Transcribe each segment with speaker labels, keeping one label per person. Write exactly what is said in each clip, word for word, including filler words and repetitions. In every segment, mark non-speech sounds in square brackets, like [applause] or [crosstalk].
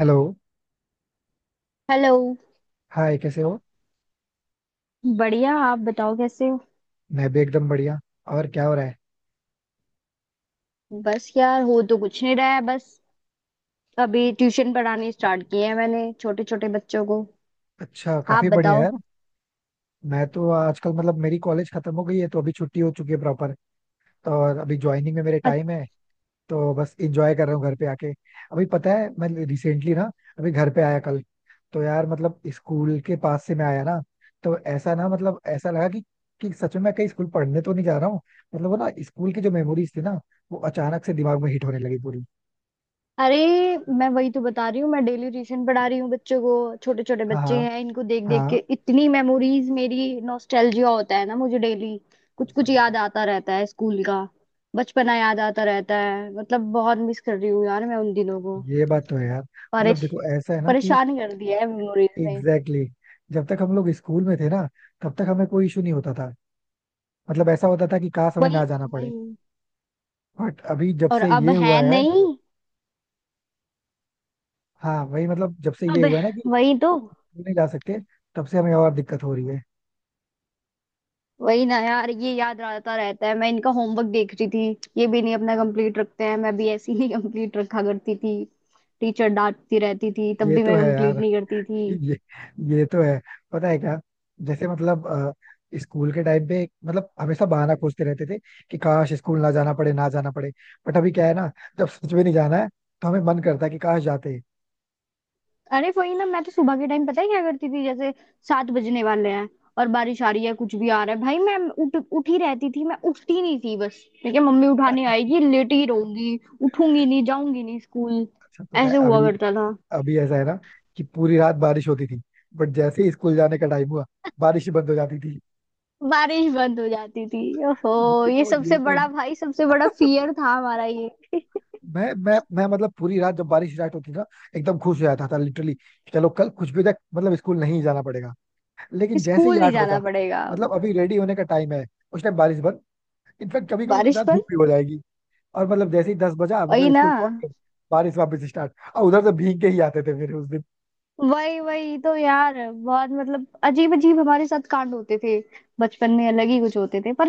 Speaker 1: Hello.
Speaker 2: Hello.
Speaker 1: Hi, कैसे हो?
Speaker 2: बढ़िया। आप बताओ कैसे हो।
Speaker 1: मैं भी एकदम बढ़िया। और क्या हो रहा है?
Speaker 2: बस यार, हो तो कुछ नहीं रहा है, बस। अभी ट्यूशन पढ़ानी स्टार्ट किए हैं मैंने, छोटे छोटे बच्चों को।
Speaker 1: अच्छा,
Speaker 2: आप
Speaker 1: काफी बढ़िया
Speaker 2: बताओ।
Speaker 1: यार। मैं तो आजकल मतलब मेरी कॉलेज खत्म हो गई है, तो अभी छुट्टी हो चुकी है प्रॉपर। तो और अभी ज्वाइनिंग में मेरे
Speaker 2: अ-
Speaker 1: टाइम है। तो बस इंजॉय कर रहा हूँ घर पे आके। अभी पता है मैं रिसेंटली ना, अभी घर पे आया कल। तो यार मतलब स्कूल के पास से मैं आया ना, तो ऐसा ना मतलब ऐसा लगा कि कि सच में मैं कहीं स्कूल पढ़ने तो नहीं जा रहा हूँ। मतलब वो ना स्कूल की जो मेमोरीज थी ना, वो अचानक से दिमाग में हिट होने लगी पूरी।
Speaker 2: अरे, मैं वही तो बता रही हूँ, मैं डेली ट्यूशन पढ़ा रही हूँ बच्चों को, छोटे छोटे बच्चे
Speaker 1: हाँ,
Speaker 2: हैं, इनको देख देख के
Speaker 1: हाँ,
Speaker 2: इतनी मेमोरीज, मेरी नॉस्टैल्जिया होता है ना मुझे डेली। कुछ कुछ
Speaker 1: हाँ,
Speaker 2: याद आता रहता है स्कूल का। बचपना याद आता रहता है, मतलब बहुत मिस कर रही हूँ यार, मैं उन दिनों को।
Speaker 1: ये बात तो है यार। मतलब
Speaker 2: परेश
Speaker 1: देखो ऐसा है ना कि
Speaker 2: परेशान कर दिया है मेमोरीज ने।
Speaker 1: एग्जैक्टली exactly, जब तक हम लोग स्कूल में थे ना, तब तक हमें कोई इशू नहीं होता था। मतलब ऐसा होता था कि काश हमें
Speaker 2: वही
Speaker 1: ना जाना पड़े।
Speaker 2: वही।
Speaker 1: बट अभी जब
Speaker 2: और
Speaker 1: से
Speaker 2: अब
Speaker 1: ये
Speaker 2: है
Speaker 1: हुआ है,
Speaker 2: नहीं।
Speaker 1: हाँ वही, मतलब जब से ये
Speaker 2: अब।
Speaker 1: हुआ है ना कि
Speaker 2: वही तो।
Speaker 1: स्कूल नहीं जा सकते, तब से हमें और दिक्कत हो रही है।
Speaker 2: वही ना यार, ये याद आता रहता है, मैं इनका होमवर्क देख रही थी, ये भी नहीं अपना कंप्लीट रखते हैं, मैं भी ऐसी नहीं कंप्लीट [laughs] रखा करती थी। टीचर डांटती रहती थी, तब
Speaker 1: ये
Speaker 2: भी
Speaker 1: तो
Speaker 2: मैं
Speaker 1: है
Speaker 2: कंप्लीट
Speaker 1: यार।
Speaker 2: नहीं करती
Speaker 1: [laughs]
Speaker 2: थी।
Speaker 1: ये ये तो है। पता है क्या? जैसे मतलब अ, स्कूल के टाइम पे मतलब हमेशा बहाना खोजते रहते थे कि काश स्कूल ना जाना पड़े ना जाना पड़े। बट अभी क्या है ना, जब सच में नहीं जाना है तो हमें मन करता है कि काश जाते।
Speaker 2: अरे वही ना, मैं तो सुबह के टाइम पता है क्या करती थी, जैसे सात बजने वाले हैं और बारिश आ रही है, कुछ भी आ रहा है, भाई मैं उठ उठी रहती थी, मैं उठती नहीं थी बस। ठीक है मम्मी उठाने आएगी, लेटी ही रहूंगी, उठूंगी नहीं, जाऊंगी नहीं स्कूल।
Speaker 1: अच्छा पता है
Speaker 2: ऐसे हुआ
Speaker 1: अभी,
Speaker 2: करता था।
Speaker 1: अभी ऐसा है ना कि पूरी रात बारिश होती थी, बट जैसे ही स्कूल जाने का टाइम हुआ, बारिश ही बंद हो जाती थी।
Speaker 2: बारिश बंद हो जाती थी। ओहो।
Speaker 1: ये
Speaker 2: ये
Speaker 1: तो ये
Speaker 2: सबसे
Speaker 1: तो
Speaker 2: बड़ा भाई, सबसे बड़ा फियर था हमारा, ये कि
Speaker 1: मैं मैं मैं मतलब पूरी रात जब बारिश स्टार्ट होती थी ना, एकदम खुश हो जाता था लिटरली। चलो कल कुछ भी हो जाए, मतलब स्कूल नहीं जाना पड़ेगा। लेकिन जैसे ही
Speaker 2: स्कूल नहीं
Speaker 1: आठ
Speaker 2: जाना
Speaker 1: बजा
Speaker 2: पड़ेगा अब।
Speaker 1: मतलब अभी रेडी होने का टाइम है, उस टाइम बारिश बंद। इनफैक्ट कभी कभी तो
Speaker 2: बारिश
Speaker 1: ज्यादा धूप
Speaker 2: बंद।
Speaker 1: भी हो जाएगी। और मतलब जैसे ही दस बजा
Speaker 2: वही
Speaker 1: मतलब
Speaker 2: ना।
Speaker 1: स्कूल पहुंच गए, बारिश वापस स्टार्ट, और उधर से भीग के ही आते थे फिर उस दिन।
Speaker 2: वही वही तो यार, बहुत मतलब अजीब अजीब हमारे साथ कांड होते थे। बचपन में अलग ही कुछ होते थे, पर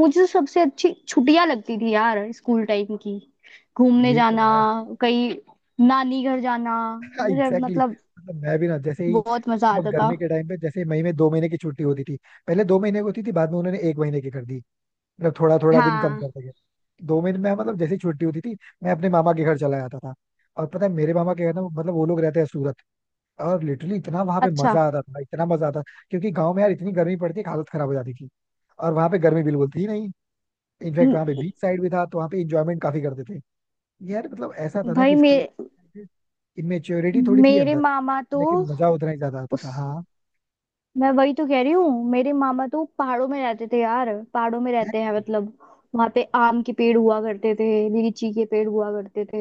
Speaker 2: मुझे तो सबसे अच्छी छुट्टियां लगती थी यार, स्कूल टाइम की। घूमने
Speaker 1: ये तो
Speaker 2: जाना
Speaker 1: है।
Speaker 2: कहीं, नानी घर जाना,
Speaker 1: [laughs]
Speaker 2: मुझे
Speaker 1: एग्जैक्टली
Speaker 2: मतलब
Speaker 1: मतलब मैं भी ना, जैसे ही
Speaker 2: बहुत मजा
Speaker 1: मतलब
Speaker 2: आता था।
Speaker 1: गर्मी के टाइम पे, जैसे मई में दो महीने की छुट्टी होती थी। पहले दो महीने की होती थी, बाद में उन्होंने एक महीने की कर दी। मतलब थोड़ा थोड़ा दिन कम
Speaker 2: हाँ।
Speaker 1: करते गए। दो महीने में मतलब जैसे ही छुट्टी होती थी, मैं अपने मामा के घर चला जाता था। और पता है मेरे मामा के घर ना, मतलब वो लोग रहते हैं सूरत। और लिटरली इतना वहां पे
Speaker 2: अच्छा।
Speaker 1: मजा आता था, इतना मजा आता था। क्योंकि गाँव में यार इतनी गर्मी पड़ती कि हालत खराब हो जाती थी, और वहां पे गर्मी बिल्कुल थी नहीं। इनफैक्ट
Speaker 2: म-
Speaker 1: वहां पे बीच साइड भी था, तो वहां पे इंजॉयमेंट काफी करते थे। यार मतलब ऐसा था ना
Speaker 2: भाई
Speaker 1: कि
Speaker 2: मे
Speaker 1: स्कूल इमेच्योरिटी थोड़ी थी
Speaker 2: मेरे
Speaker 1: अंदर,
Speaker 2: मामा
Speaker 1: लेकिन
Speaker 2: तो
Speaker 1: मजा उतना ही ज्यादा आता
Speaker 2: उस
Speaker 1: था। हाँ,
Speaker 2: मैं वही तो कह रही हूँ, मेरे मामा तो पहाड़ों में रहते थे यार। पहाड़ों में
Speaker 1: है।
Speaker 2: रहते हैं मतलब। वहां पे आम के पेड़ हुआ करते थे। लीची के पेड़ हुआ करते थे।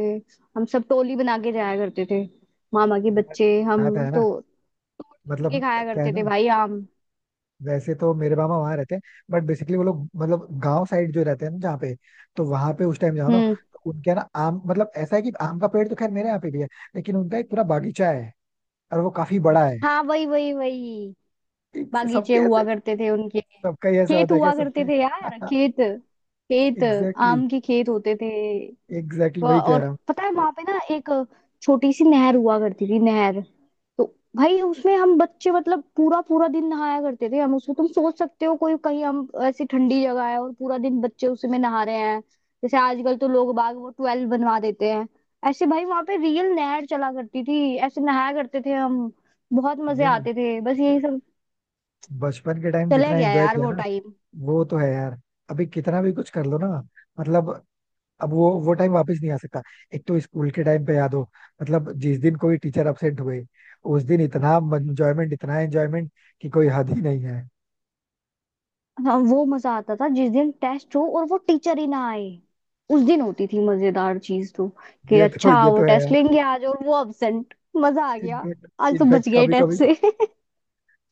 Speaker 2: हम सब टोली बना के जाया करते थे, मामा के बच्चे हम।
Speaker 1: बात है ना।
Speaker 2: तो तोड़ तोड़ के
Speaker 1: मतलब
Speaker 2: खाया
Speaker 1: क्या है
Speaker 2: करते थे
Speaker 1: ना,
Speaker 2: भाई आम।
Speaker 1: वैसे तो मेरे मामा वहां रहते हैं, बट बेसिकली वो लोग मतलब गांव साइड जो रहते हैं ना जहाँ पे, तो वहां पे उस टाइम जाओ ना,
Speaker 2: हम्म।
Speaker 1: तो उनके यहाँ ना आम मतलब ऐसा है कि आम का पेड़ तो खैर मेरे यहाँ पे भी है, लेकिन उनका एक पूरा बागीचा है और वो काफी बड़ा है।
Speaker 2: हाँ वही वही वही।
Speaker 1: एक-
Speaker 2: बागीचे
Speaker 1: सबके
Speaker 2: हुआ
Speaker 1: ऐसे,
Speaker 2: करते थे उनके।
Speaker 1: सबका ही ऐसा
Speaker 2: खेत
Speaker 1: होता है क्या
Speaker 2: हुआ करते
Speaker 1: सबके?
Speaker 2: थे यार,
Speaker 1: [laughs]
Speaker 2: खेत। खेत।
Speaker 1: एग्जैक्टली,
Speaker 2: आम के खेत होते थे।
Speaker 1: एग्जैक्टली वही
Speaker 2: वहाँ-
Speaker 1: कह
Speaker 2: और
Speaker 1: रहा हूँ।
Speaker 2: पता है वहां पे ना एक छोटी सी नहर हुआ करती थी, नहर। तो भाई उसमें हम बच्चे मतलब पूरा पूरा दिन नहाया करते थे हम उसमें, तुम सोच सकते हो, कोई कहीं हम ऐसी ठंडी जगह है और पूरा दिन बच्चे उसी में नहा रहे हैं। जैसे आजकल तो लोग बाग वो ट्वेल्व बनवा देते हैं, ऐसे भाई वहां पे रियल नहर चला करती थी, ऐसे नहाया करते थे हम। बहुत मजे
Speaker 1: ये ना,
Speaker 2: आते थे, बस यही सब।
Speaker 1: बचपन के टाइम
Speaker 2: चला
Speaker 1: जितना
Speaker 2: गया
Speaker 1: एंजॉय
Speaker 2: यार
Speaker 1: किया
Speaker 2: वो
Speaker 1: ना,
Speaker 2: टाइम।
Speaker 1: वो तो है यार। अभी कितना भी कुछ कर लो ना, मतलब अब वो वो टाइम वापस नहीं आ सकता। एक तो स्कूल के टाइम पे याद हो, मतलब जिस दिन कोई टीचर अपसेंट हुए, उस दिन इतना एंजॉयमेंट इतना एंजॉयमेंट कि कोई हद ही नहीं है।
Speaker 2: हाँ वो मजा आता था जिस दिन टेस्ट हो और वो टीचर ही ना आए। उस दिन होती थी मजेदार चीज तो, कि
Speaker 1: ये तो
Speaker 2: अच्छा
Speaker 1: ये
Speaker 2: वो
Speaker 1: तो है
Speaker 2: टेस्ट
Speaker 1: यार।
Speaker 2: लेंगे आज, और वो अब्सेंट। मजा आ गया।
Speaker 1: इनफैक्ट
Speaker 2: आज तो
Speaker 1: इनफैक्ट
Speaker 2: बच गए
Speaker 1: कभी
Speaker 2: टेस्ट
Speaker 1: कभी
Speaker 2: से [laughs]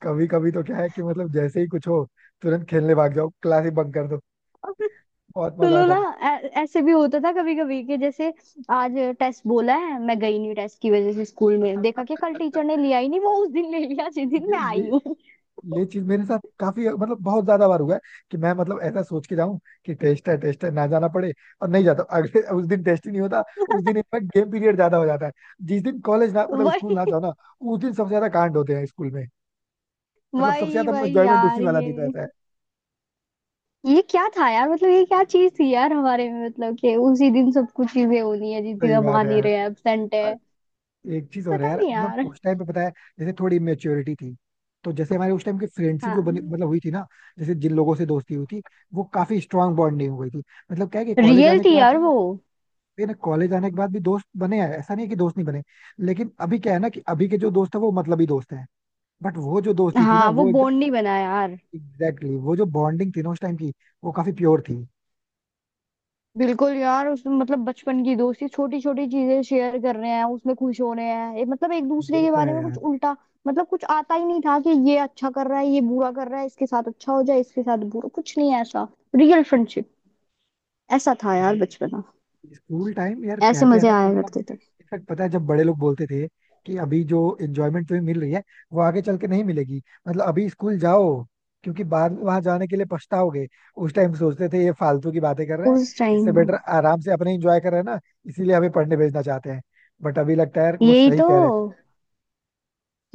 Speaker 1: कभी कभी तो क्या है कि मतलब जैसे ही कुछ हो, तुरंत खेलने भाग जाओ, क्लास ही बंक कर दो। बहुत मजा
Speaker 2: सुनो
Speaker 1: आता
Speaker 2: ना।
Speaker 1: था।
Speaker 2: ऐ- ऐसे भी होता था कभी कभी कि जैसे आज टेस्ट बोला है, मैं गई नहीं टेस्ट की वजह से, स्कूल में देखा कि कल टीचर ने लिया ही नहीं, वो उस दिन ले लिया जिस
Speaker 1: [laughs]
Speaker 2: दिन
Speaker 1: ये
Speaker 2: मैं
Speaker 1: ये
Speaker 2: आई हूँ [laughs]
Speaker 1: ये चीज मेरे साथ काफी मतलब बहुत ज्यादा बार हुआ है कि मैं मतलब ऐसा सोच के जाऊं कि टेस्ट है, टेस्ट है ना जाना पड़े, और नहीं जाता, अगले उस दिन टेस्ट ही नहीं होता। उस दिन इनफैक्ट गेम पीरियड ज्यादा हो जाता है। जिस दिन कॉलेज ना मतलब स्कूल
Speaker 2: वही
Speaker 1: ना जाओ ना, उस दिन सबसे ज्यादा कांड होते हैं स्कूल में। मतलब सबसे
Speaker 2: वही
Speaker 1: ज्यादा
Speaker 2: वही
Speaker 1: एंजॉयमेंट उसी
Speaker 2: यार
Speaker 1: वाला दिन
Speaker 2: ये।
Speaker 1: रहता है।
Speaker 2: ये क्या था यार, मतलब ये क्या चीज थी यार हमारे में, मतलब कि उसी दिन सब कुछ चीजें होनी है जिस दिन
Speaker 1: सही
Speaker 2: हम आ
Speaker 1: बात है
Speaker 2: नहीं
Speaker 1: यार।
Speaker 2: रहे, एब्सेंट
Speaker 1: और
Speaker 2: है।
Speaker 1: एक चीज और है
Speaker 2: पता
Speaker 1: यार
Speaker 2: नहीं
Speaker 1: मतलब
Speaker 2: यार।
Speaker 1: उस टाइम पे पता है, जैसे थोड़ी इमेच्योरिटी थी, तो जैसे हमारे उस टाइम की फ्रेंडशिप जो बनी
Speaker 2: हाँ।
Speaker 1: मतलब हुई थी ना, जैसे जिन लोगों से दोस्ती हुई थी, वो काफी स्ट्रांग बॉन्डिंग हो गई थी। मतलब क्या है कि कॉलेज
Speaker 2: रियल
Speaker 1: आने के
Speaker 2: थी
Speaker 1: बाद,
Speaker 2: यार वो।
Speaker 1: फिर कॉलेज आने के बाद भी दोस्त बने हैं, ऐसा नहीं है कि दोस्त नहीं बने, लेकिन अभी क्या है ना कि अभी के जो दोस्त है वो मतलबी दोस्त है। बट वो जो दोस्ती थी ना
Speaker 2: हाँ वो
Speaker 1: वो एकदम
Speaker 2: बॉन्ड नहीं बना यार।
Speaker 1: एग्जैक्टली exactly, वो जो बॉन्डिंग थी ना उस टाइम की, वो काफी प्योर थी।
Speaker 2: बिल्कुल यार, उसमें मतलब बचपन की दोस्ती, छोटी छोटी चीजें शेयर कर रहे हैं उसमें, खुश हो रहे हैं, ये मतलब एक दूसरे
Speaker 1: ये
Speaker 2: के
Speaker 1: तो
Speaker 2: बारे
Speaker 1: है
Speaker 2: में कुछ
Speaker 1: यार।
Speaker 2: उल्टा मतलब कुछ आता ही नहीं था, कि ये अच्छा कर रहा है ये बुरा कर रहा है, इसके साथ अच्छा हो जाए इसके साथ बुरा, कुछ नहीं है ऐसा। Real friendship. ऐसा था यार
Speaker 1: मतलब
Speaker 2: बचपना।
Speaker 1: स्कूल टाइम यार,
Speaker 2: ऐसे
Speaker 1: कहते हैं
Speaker 2: मजे
Speaker 1: ना कि
Speaker 2: आया
Speaker 1: मतलब
Speaker 2: करते थे।
Speaker 1: इनफैक्ट पता है जब बड़े लोग बोलते थे कि अभी जो एंजॉयमेंट तुम्हें मिल रही है वो आगे चल के नहीं मिलेगी, मतलब अभी स्कूल जाओ, क्योंकि बाद में वहां जाने के लिए पछताओगे। उस टाइम सोचते थे ये फालतू की बातें कर रहे हैं,
Speaker 2: उस
Speaker 1: इससे
Speaker 2: टाइम।
Speaker 1: बेटर आराम से अपने एंजॉय कर रहे हैं ना, इसीलिए हमें पढ़ने भेजना चाहते हैं। बट अभी लगता है यार वो
Speaker 2: यही
Speaker 1: सही
Speaker 2: तो।
Speaker 1: कह रहे थे।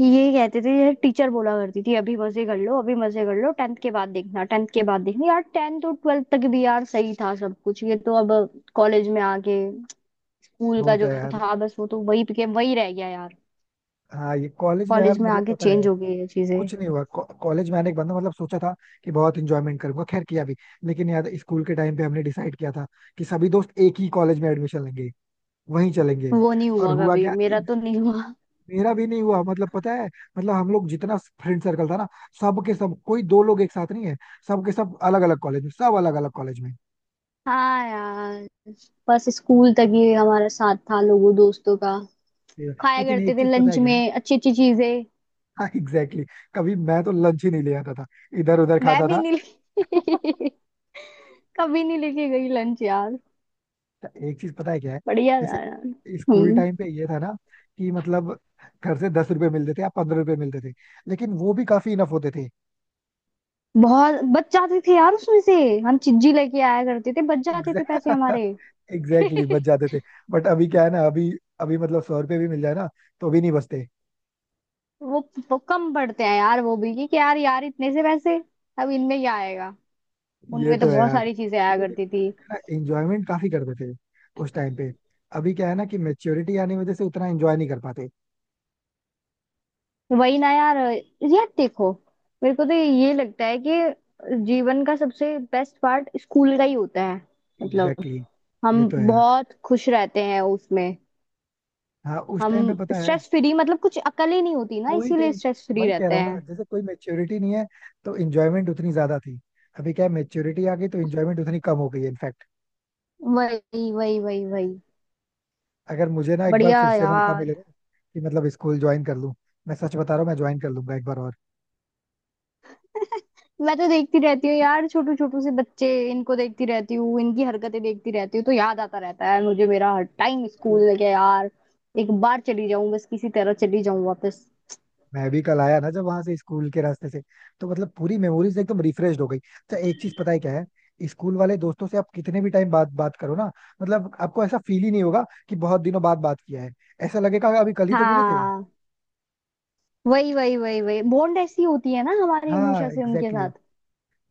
Speaker 2: यही कहते थे यार, टीचर बोला करती थी अभी मजे कर लो अभी मजे कर लो, टेंथ के बाद देखना, टेंथ के बाद देखना यार, टेंथ और ट्वेल्थ तक भी यार सही था सब कुछ, ये तो अब कॉलेज में आके स्कूल
Speaker 1: वो
Speaker 2: का
Speaker 1: तो
Speaker 2: जो
Speaker 1: है यार।
Speaker 2: था बस, वो तो वही के वही रह गया यार।
Speaker 1: हाँ, ये कॉलेज में यार
Speaker 2: कॉलेज में
Speaker 1: मतलब
Speaker 2: आके
Speaker 1: पता
Speaker 2: चेंज
Speaker 1: है,
Speaker 2: हो गई ये चीजें।
Speaker 1: कुछ नहीं हुआ। कॉलेज में आने के बाद ना मतलब सोचा था कि बहुत इंजॉयमेंट करूंगा, खैर किया भी। लेकिन यार स्कूल के टाइम पे हमने डिसाइड किया था कि सभी दोस्त एक ही कॉलेज में एडमिशन लेंगे, वहीं चलेंगे।
Speaker 2: वो नहीं
Speaker 1: और
Speaker 2: हुआ
Speaker 1: हुआ
Speaker 2: कभी,
Speaker 1: क्या?
Speaker 2: मेरा
Speaker 1: एक,
Speaker 2: तो नहीं हुआ।
Speaker 1: मेरा भी नहीं हुआ मतलब पता है मतलब हम लोग जितना फ्रेंड सर्कल था ना, सब के सब, कोई दो लोग एक साथ नहीं है, सब के सब अलग अलग कॉलेज में, सब अलग अलग कॉलेज में।
Speaker 2: हाँ यार। बस स्कूल तक ही हमारा साथ था लोगों दोस्तों का। खाया
Speaker 1: लेकिन एक
Speaker 2: करते थे
Speaker 1: चीज पता
Speaker 2: लंच
Speaker 1: है क्या है,
Speaker 2: में अच्छी अच्छी चीजें।
Speaker 1: हाँ एग्जैक्टली exactly। कभी मैं तो लंच ही नहीं ले आता था, इधर उधर
Speaker 2: मैं
Speaker 1: खाता
Speaker 2: भी
Speaker 1: था। [laughs]
Speaker 2: नहीं [laughs] कभी नहीं लेके गई लंच यार।
Speaker 1: एक चीज पता है क्या है,
Speaker 2: बढ़िया
Speaker 1: जैसे
Speaker 2: था यार।
Speaker 1: स्कूल
Speaker 2: हम्म।
Speaker 1: टाइम पे ये था ना कि मतलब घर से दस रुपए मिलते थे या पंद्रह रुपए मिलते थे, लेकिन वो भी काफी इनफ होते थे।
Speaker 2: बहुत बच जाते थे यार उसमें से। हम चिज्जी लेके आया करते थे, बच जाते थे पैसे हमारे
Speaker 1: एग्जैक्टली [laughs] बच
Speaker 2: [laughs]
Speaker 1: जाते थे। बट अभी क्या है ना, अभी अभी मतलब सौ रुपए भी मिल जाए ना, तो भी नहीं बचते।
Speaker 2: वो, वो कम पड़ते हैं यार, वो भी कि, कि यार यार इतने से पैसे अब इनमें क्या आएगा।
Speaker 1: ये
Speaker 2: उनमें तो
Speaker 1: तो है
Speaker 2: बहुत
Speaker 1: यार।
Speaker 2: सारी चीजें आया
Speaker 1: लेकिन
Speaker 2: करती थी।
Speaker 1: ना एंजॉयमेंट काफी करते थे उस टाइम पे, अभी क्या है ना कि मेच्योरिटी आने की वजह से उतना एंजॉय नहीं कर पाते।
Speaker 2: वही ना यार। यार देखो, मेरे को तो ये लगता है कि जीवन का सबसे बेस्ट पार्ट स्कूल का ही होता है। मतलब
Speaker 1: एग्जैक्टली exactly, ये
Speaker 2: हम
Speaker 1: तो है यार।
Speaker 2: बहुत खुश रहते हैं उसमें।
Speaker 1: हाँ, उस
Speaker 2: हम
Speaker 1: टाइम पे पता है
Speaker 2: स्ट्रेस फ्री, मतलब कुछ अकल ही नहीं होती ना,
Speaker 1: कोई
Speaker 2: इसीलिए
Speaker 1: टेंशन,
Speaker 2: स्ट्रेस फ्री
Speaker 1: वही कह
Speaker 2: रहते
Speaker 1: रहा हूँ ना
Speaker 2: हैं।
Speaker 1: जैसे कोई मेच्योरिटी नहीं है, तो इंजॉयमेंट उतनी ज्यादा थी। अभी क्या है, मेच्योरिटी आ गई तो इंजॉयमेंट उतनी कम हो गई है इनफैक्ट।
Speaker 2: वही वही वही वही।
Speaker 1: अगर मुझे ना एक बार
Speaker 2: बढ़िया
Speaker 1: फिर से मौका मिले
Speaker 2: यार।
Speaker 1: ना, कि मतलब स्कूल ज्वाइन कर लूँ, मैं सच बता रहा हूँ मैं ज्वाइन कर लूंगा एक बार और।
Speaker 2: मैं तो देखती रहती हूँ यार, छोटू छोटू से बच्चे, इनको देखती रहती हूँ, इनकी हरकतें देखती रहती हूँ तो याद आता रहता है यार मुझे, मेरा हर टाइम
Speaker 1: मतलब
Speaker 2: स्कूल लगे यार। एक बार चली जाऊं बस किसी तरह, चली जाऊं वापस।
Speaker 1: मैं भी कल आया ना, जब वहां से स्कूल के रास्ते से, तो मतलब पूरी मेमोरीज एकदम रिफ्रेश हो गई। अच्छा एक चीज पता है क्या है, स्कूल वाले दोस्तों से आप कितने भी टाइम बाद बात करो ना, मतलब आपको ऐसा फील ही नहीं होगा कि बहुत दिनों बाद बात किया है, ऐसा लगेगा कि अभी कल ही तो मिले थे।
Speaker 2: हाँ वही वही वही वही, बॉन्ड ऐसी होती है ना हमारी
Speaker 1: हाँ,
Speaker 2: हमेशा से उनके
Speaker 1: एग्जैक्टली।
Speaker 2: साथ।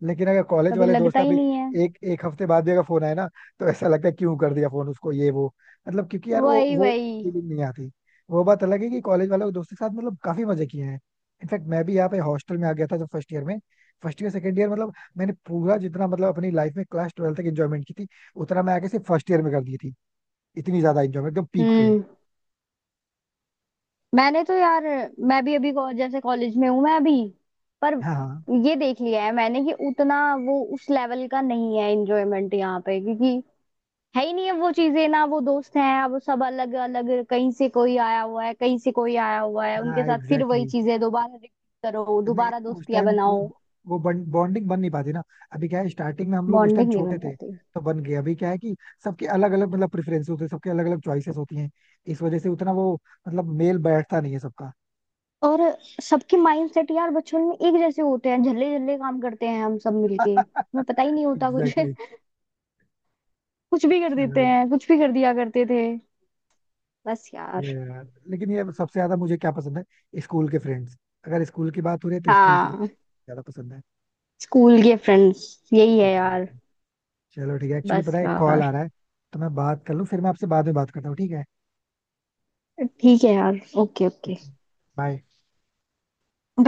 Speaker 1: लेकिन अगर कॉलेज
Speaker 2: कभी
Speaker 1: वाले
Speaker 2: लगता
Speaker 1: दोस्त,
Speaker 2: ही
Speaker 1: अभी
Speaker 2: नहीं है।
Speaker 1: एक एक हफ्ते बाद भी अगर फोन आए ना, तो ऐसा लगता है क्यों कर दिया फोन उसको ये वो। मतलब क्योंकि यार वो
Speaker 2: वही
Speaker 1: वो
Speaker 2: वही।
Speaker 1: फीलिंग नहीं आती। वो बात अलग है कि कॉलेज वालों के दोस्तों के साथ मतलब काफी मजे किए हैं। इनफैक्ट मैं भी यहाँ पे हॉस्टल में आ गया था जब फर्स्ट ईयर में, फर्स्ट ईयर सेकंड ईयर मतलब मैंने पूरा जितना मतलब अपनी लाइफ में क्लास ट्वेल्थ तक एंजॉयमेंट की थी, उतना मैं आके सिर्फ फर्स्ट ईयर में कर दी थी। इतनी ज्यादा एंजॉयमेंट एकदम पीक पे।
Speaker 2: हम्म। मैंने तो यार, मैं भी अभी को- जैसे कॉलेज में हूँ मैं अभी, पर
Speaker 1: हाँ, हाँ,
Speaker 2: ये देख लिया है मैंने कि उतना वो उस लेवल का नहीं है एंजॉयमेंट यहाँ पे, क्योंकि है ही नहीं है वो चीजें ना, वो दोस्त हैं अब, सब अलग अलग, कहीं से कोई आया हुआ है कहीं से कोई आया हुआ है,
Speaker 1: हाँ,
Speaker 2: उनके साथ फिर वही
Speaker 1: एग्जैक्टली।
Speaker 2: चीजें दोबारा रिपीट करो,
Speaker 1: नहीं,
Speaker 2: दोबारा
Speaker 1: उस
Speaker 2: दोस्तियां
Speaker 1: टाइम वो
Speaker 2: बनाओ।
Speaker 1: वो बॉन्डिंग बन नहीं पाती ना। अभी क्या है, स्टार्टिंग में हम लोग उस टाइम
Speaker 2: बॉन्डिंग नहीं
Speaker 1: छोटे
Speaker 2: बन
Speaker 1: थे
Speaker 2: पाती।
Speaker 1: तो बन गए। अभी क्या है कि सबके अलग अलग मतलब प्रेफरेंस होते हैं, सबके अलग अलग चॉइसेस होती हैं, इस वजह से उतना वो मतलब मेल बैठता नहीं है सबका।
Speaker 2: और सबके माइंडसेट यार बचपन में एक जैसे होते हैं, झल्ले झल्ले काम करते हैं हम सब मिलके, हमें
Speaker 1: [laughs]
Speaker 2: पता ही नहीं होता कुछ
Speaker 1: एग्जैक्टली exactly।
Speaker 2: [laughs] कुछ भी कर देते
Speaker 1: चलो,
Speaker 2: हैं, कुछ भी कर दिया करते थे। बस
Speaker 1: ये
Speaker 2: यार।
Speaker 1: यार, लेकिन ये सबसे ज्यादा मुझे क्या पसंद है? स्कूल के फ्रेंड्स। अगर स्कूल की बात हो रही है तो स्कूल के फ्रेंड्स
Speaker 2: हाँ।
Speaker 1: ज्यादा पसंद है।
Speaker 2: स्कूल के फ्रेंड्स। यही है यार।
Speaker 1: एग्जैक्टली। चलो ठीक है, एक्चुअली
Speaker 2: बस
Speaker 1: पता है कॉल
Speaker 2: यार।
Speaker 1: आ रहा है, तो मैं बात कर लूँ, फिर मैं आपसे बाद में बात करता हूँ, ठीक है।
Speaker 2: ठीक है यार, ओके ओके।
Speaker 1: ओके। बाय।